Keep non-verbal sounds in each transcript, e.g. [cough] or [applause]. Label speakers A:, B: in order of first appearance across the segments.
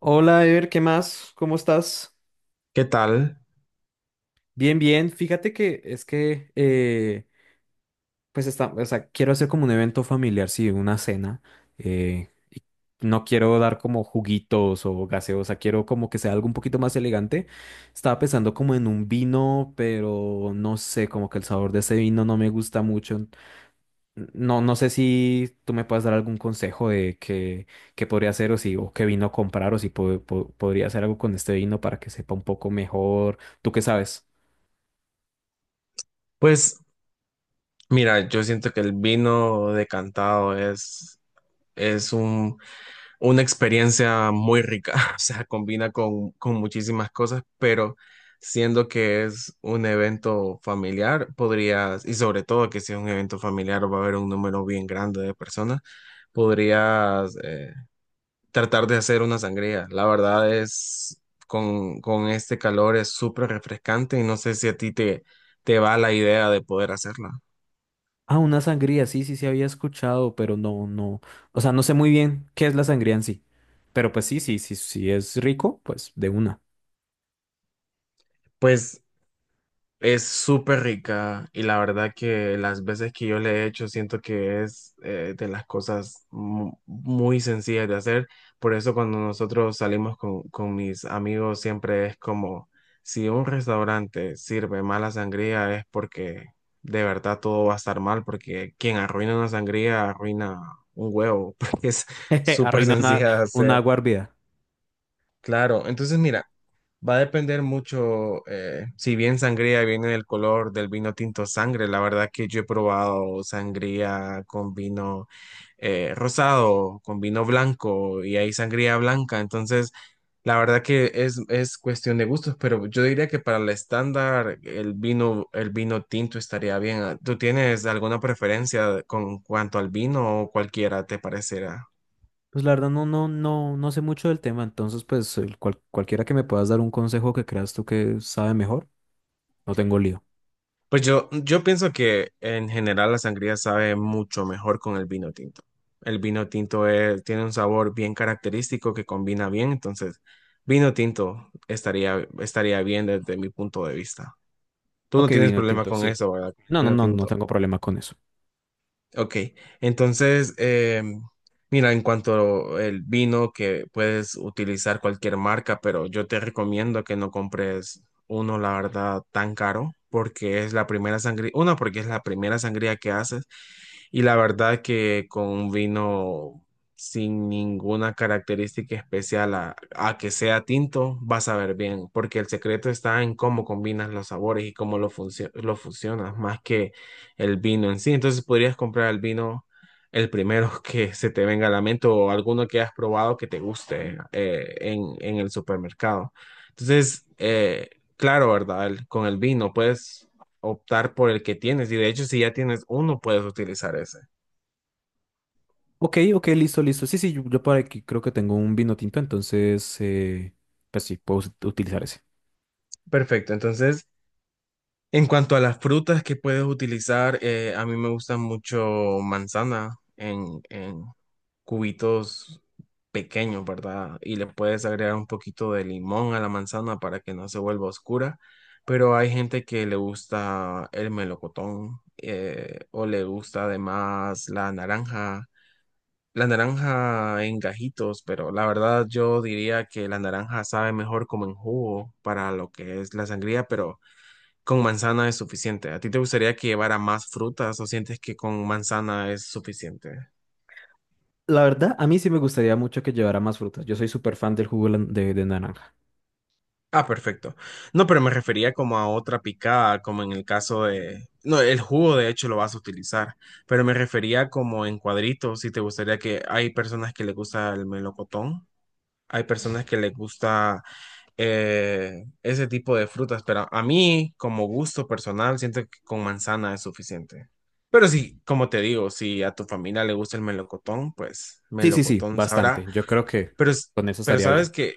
A: Hola, Ever, ¿qué más? ¿Cómo estás?
B: ¿Qué tal?
A: Bien, bien. Fíjate que es que, pues, está, o sea, quiero hacer como un evento familiar, sí, una cena. Eh, no quiero dar como juguitos o gaseosa, quiero como que sea algo un poquito más elegante. Estaba pensando como en un vino, pero no sé, como que el sabor de ese vino no me gusta mucho. No, no sé si tú me puedes dar algún consejo de qué, qué podría hacer o si o qué vino a comprar o si podría hacer algo con este vino para que sepa un poco mejor. ¿Tú qué sabes?
B: Pues mira, yo siento que el vino decantado es un, una experiencia muy rica, [laughs] o sea, combina con muchísimas cosas, pero siendo que es un evento familiar, podrías, y sobre todo que si es un evento familiar va a haber un número bien grande de personas, podrías tratar de hacer una sangría. La verdad es, con este calor es súper refrescante y no sé si a te va la idea de poder hacerla.
A: Ah, una sangría, sí, sí, sí había escuchado, pero no, no. O sea, no sé muy bien qué es la sangría en sí. Pero pues sí, sí, sí, sí es rico, pues de una.
B: Pues es súper rica y la verdad que las veces que yo le he hecho siento que es de las cosas muy sencillas de hacer. Por eso cuando nosotros salimos con mis amigos siempre es como si un restaurante sirve mala sangría es porque de verdad todo va a estar mal, porque quien arruina una sangría arruina un huevo, [laughs] porque es
A: [laughs] Jeje,
B: súper
A: arruina
B: sencilla de
A: una
B: hacer.
A: agua hervida.
B: Claro, entonces mira. Va a depender mucho, si bien sangría viene del color del vino tinto sangre, la verdad que yo he probado sangría con vino rosado, con vino blanco y hay sangría blanca, entonces la verdad que es cuestión de gustos, pero yo diría que para el estándar el vino tinto estaría bien. ¿Tú tienes alguna preferencia con cuanto al vino o cualquiera te parecerá?
A: Pues la verdad no, no, no, no sé mucho del tema, entonces pues el cualquiera que me puedas dar un consejo que creas tú que sabe mejor, no tengo lío.
B: Pues yo pienso que en general la sangría sabe mucho mejor con el vino tinto. El vino tinto tiene un sabor bien característico que combina bien, entonces vino tinto estaría bien desde mi punto de vista. Tú no
A: Ok,
B: tienes
A: vino
B: problema
A: tinto,
B: con
A: sí.
B: eso, ¿verdad?
A: No, no,
B: Vino
A: no, no
B: tinto.
A: tengo problema con eso.
B: Ok, entonces, mira, en cuanto el vino, que puedes utilizar cualquier marca, pero yo te recomiendo que no compres uno, la verdad, tan caro, porque es la primera sangría, una, porque es la primera sangría que haces, y la verdad que con un vino sin ninguna característica especial a que sea tinto, vas a ver bien, porque el secreto está en cómo combinas los sabores y cómo lo fusionas, más que el vino en sí. Entonces podrías comprar el vino el primero [laughs] que se te venga a la mente o alguno que has probado que te guste en el supermercado. Entonces, claro, ¿verdad? El- con el vino puedes optar por el que tienes y de hecho si ya tienes uno puedes utilizar ese.
A: Ok, ok, listo, listo. Sí, sí, yo por aquí creo que tengo un vino tinto, entonces, pues sí, puedo utilizar ese.
B: Perfecto, entonces. En cuanto a las frutas que puedes utilizar, a mí me gusta mucho manzana en cubitos pequeños, ¿verdad? Y le puedes agregar un poquito de limón a la manzana para que no se vuelva oscura, pero hay gente que le gusta el melocotón o le gusta además la naranja en gajitos, pero la verdad yo diría que la naranja sabe mejor como en jugo para lo que es la sangría, pero con manzana es suficiente. ¿A ti te gustaría que llevara más frutas o sientes que con manzana es suficiente?
A: La verdad, a mí sí me gustaría mucho que llevara más frutas. Yo soy súper fan del jugo de naranja.
B: Ah, perfecto. No, pero me refería como a otra picada, como en el caso de... No, el jugo de hecho lo vas a utilizar, pero me refería como en cuadritos, si te gustaría que hay personas que les gusta el melocotón. Hay personas que les gusta ese tipo de frutas, pero a mí, como gusto personal, siento que con manzana es suficiente. Pero sí, como te digo, si a tu familia le gusta el melocotón, pues
A: Sí, sí, sí,
B: melocotón sabrá.
A: bastante. Yo creo que
B: Pero,
A: con eso estaría
B: sabes
A: bien.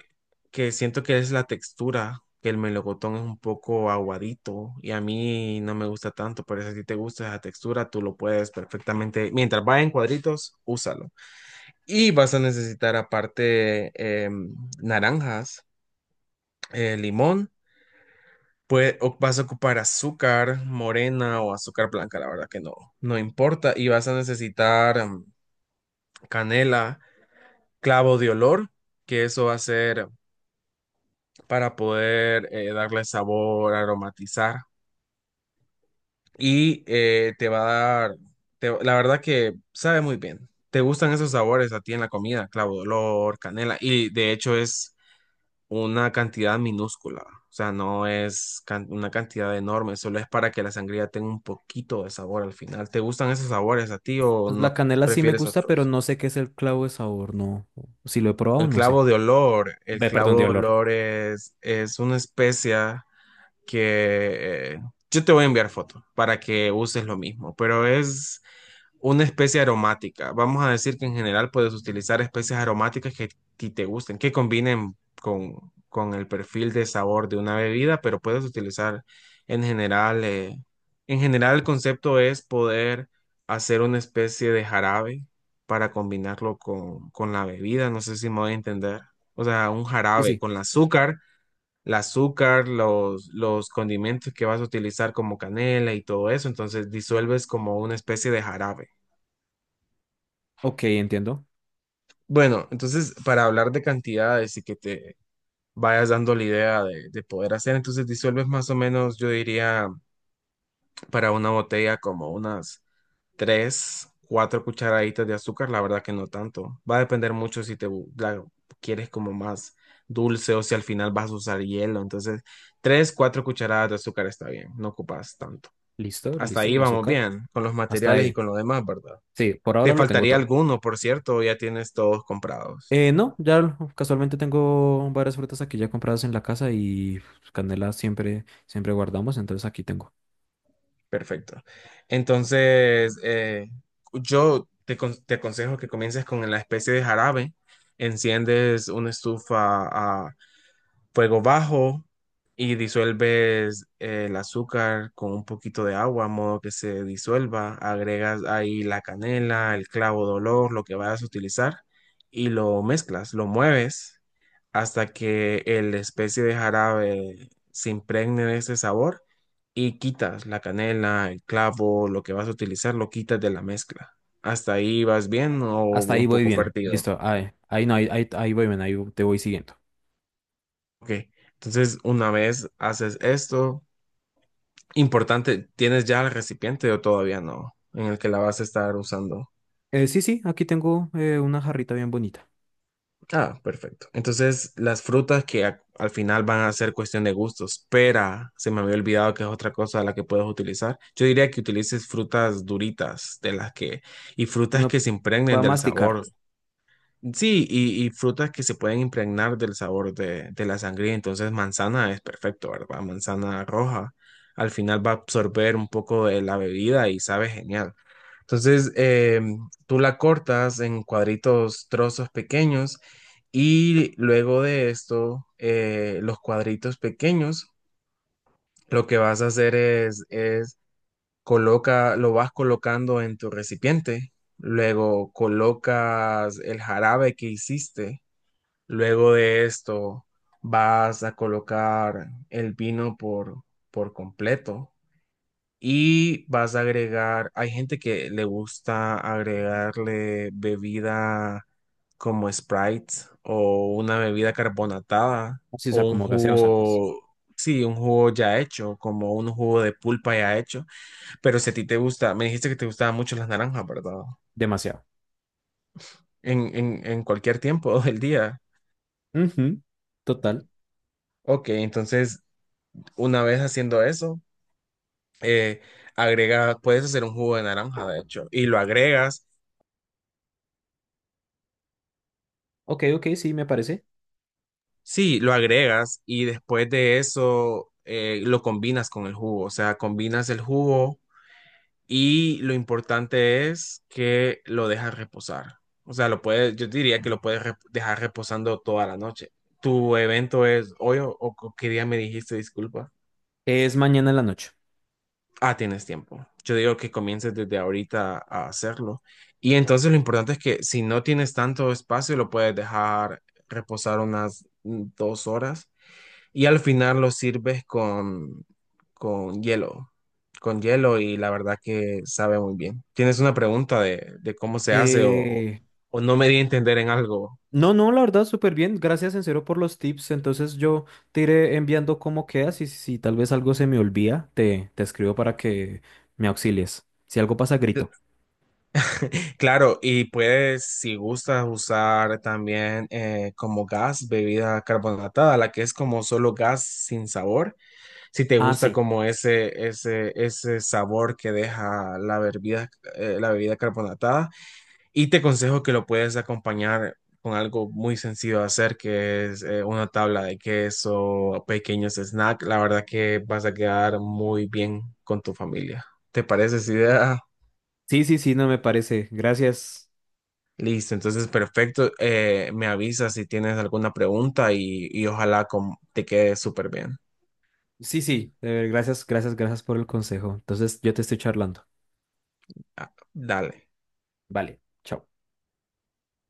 B: que siento que es la textura, que el melocotón es un poco aguadito y a mí no me gusta tanto, pero si a ti te gusta esa textura, tú lo puedes perfectamente. Mientras vaya en cuadritos, úsalo. Y vas a necesitar aparte em, naranjas, limón, pues vas a ocupar azúcar morena o azúcar blanca, la verdad que no importa. Y vas a necesitar canela, clavo de olor, que eso va a ser para poder darle sabor, aromatizar. Y te va a dar, te- la verdad que sabe muy bien. Te gustan esos sabores a ti en la comida, clavo de olor, canela. Y de hecho es una cantidad minúscula, o sea, no es can- una cantidad enorme, solo es para que la sangría tenga un poquito de sabor al final. ¿Te gustan esos sabores a ti o
A: Pues
B: no
A: la canela sí me
B: prefieres
A: gusta, pero
B: otros?
A: no sé qué es el clavo de sabor, no. Si lo he probado, no sé.
B: El
A: Ve, perdón,
B: clavo
A: de
B: de
A: olor.
B: olor es una especia que yo te voy a enviar foto para que uses lo mismo, pero es una especie aromática. Vamos a decir que en general puedes utilizar especies aromáticas que a ti te gusten, que combinen con, con el perfil de sabor de una bebida, pero puedes utilizar en general, el concepto es poder hacer una especie de jarabe para combinarlo con la bebida. No sé si me voy a entender. O sea, un
A: Sí,
B: jarabe
A: sí.
B: con el azúcar. El azúcar, los condimentos que vas a utilizar como canela y todo eso, entonces disuelves como una especie de jarabe.
A: Ok, entiendo.
B: Bueno, entonces para hablar de cantidades y que te vayas dando la idea de poder hacer, entonces disuelves más o menos, yo diría, para una botella como unas tres, cuatro cucharaditas de azúcar, la verdad que no tanto. Va a depender mucho si la quieres como más dulce o si al final vas a usar hielo. Entonces, tres, cuatro cucharadas de azúcar está bien, no ocupas tanto.
A: Listo,
B: Hasta
A: listo,
B: ahí
A: el
B: vamos
A: azúcar.
B: bien, con los
A: Hasta
B: materiales y
A: ahí.
B: con lo demás, ¿verdad?
A: Sí, por ahora
B: ¿Te
A: lo tengo
B: faltaría
A: todo.
B: alguno, por cierto, o ya tienes todos comprados?
A: No, ya casualmente tengo varias frutas aquí ya compradas en la casa y canela siempre, siempre guardamos, entonces aquí tengo.
B: Perfecto. Entonces, te aconsejo que comiences con la especie de jarabe, enciendes una estufa a fuego bajo y disuelves el azúcar con un poquito de agua, a modo que se disuelva, agregas ahí la canela, el clavo de olor, lo que vayas a utilizar y lo mezclas, lo mueves hasta que el especie de jarabe se impregne de ese sabor y quitas la canela, el clavo, lo que vas a utilizar, lo quitas de la mezcla. ¿Hasta ahí vas bien o
A: Hasta ahí
B: un
A: voy
B: poco
A: bien,
B: perdido?
A: listo. Ahí, ahí no, ahí, ahí, ahí voy bien, ahí te voy siguiendo.
B: Ok, entonces una vez haces esto, importante, ¿tienes ya el recipiente o todavía no? En el que la vas a estar usando.
A: Sí, sí, aquí tengo una jarrita bien bonita.
B: Ah, perfecto. Entonces, las frutas que al final van a ser cuestión de gustos. Pera, se me había olvidado que es otra cosa de la que puedes utilizar. Yo diría que utilices frutas duritas de las que y frutas
A: Uno
B: que se impregnen
A: para
B: del
A: masticar,
B: sabor. Sí, y frutas que se pueden impregnar del sabor de la sangría. Entonces, manzana es perfecto, ¿verdad? Manzana roja. Al final va a absorber un poco de la bebida y sabe genial. Entonces, tú la cortas en cuadritos, trozos pequeños. Y luego de esto, los cuadritos pequeños, lo que vas a hacer es coloca, lo vas colocando en tu recipiente. Luego colocas el jarabe que hiciste. Luego de esto, vas a colocar el vino por completo y vas a agregar, hay gente que le gusta agregarle bebida como Sprite o una bebida carbonatada
A: así, o sea,
B: o un
A: como gaseosa, pues,
B: jugo, sí, un jugo ya hecho, como un jugo de pulpa ya hecho. Pero si a ti te gusta, me dijiste que te gustaban mucho las naranjas, ¿verdad?
A: demasiado.
B: En cualquier tiempo [laughs] del día.
A: Ujú, total.
B: Ok, entonces una vez haciendo eso, eh, agrega, puedes hacer un jugo de naranja, de hecho, y lo agregas,
A: Ok, ok, sí, me parece.
B: sí, lo agregas y después de eso lo combinas con el jugo, o sea, combinas el jugo y lo importante es que lo dejas reposar. O sea, lo puedes, yo diría que lo puedes dejar reposando toda la noche. ¿Tu evento es hoy o qué día me dijiste, disculpa?
A: Es mañana en la noche.
B: Ah, tienes tiempo. Yo digo que comiences desde ahorita a hacerlo. Y entonces lo importante es que si no tienes tanto espacio, lo puedes dejar reposar unas 2 horas y al final lo sirves con hielo, con hielo y la verdad que sabe muy bien. ¿Tienes una pregunta de cómo se hace
A: Eh,
B: o no me di a entender en algo?
A: no, no, la verdad, súper bien. Gracias en serio por los tips. Entonces yo te iré enviando cómo quedas y si tal vez algo se me olvida, te escribo para que me auxilies. Si algo pasa, grito.
B: Claro, y puedes, si gustas, usar también como gas bebida carbonatada, la que es como solo gas sin sabor. Si te
A: Ah,
B: gusta
A: sí.
B: como ese sabor que deja la bebida carbonatada. Y te aconsejo que lo puedes acompañar con algo muy sencillo de hacer, que es una tabla de queso, pequeños snacks. La verdad que vas a quedar muy bien con tu familia. ¿Te parece esa idea?
A: Sí, sí, sí, no me parece. Gracias.
B: Listo, entonces perfecto. Me avisas si tienes alguna pregunta y ojalá te quede súper bien.
A: Sí, sí, gracias, gracias, gracias por el consejo. Entonces yo te estoy charlando.
B: Ah, dale.
A: Vale, chao.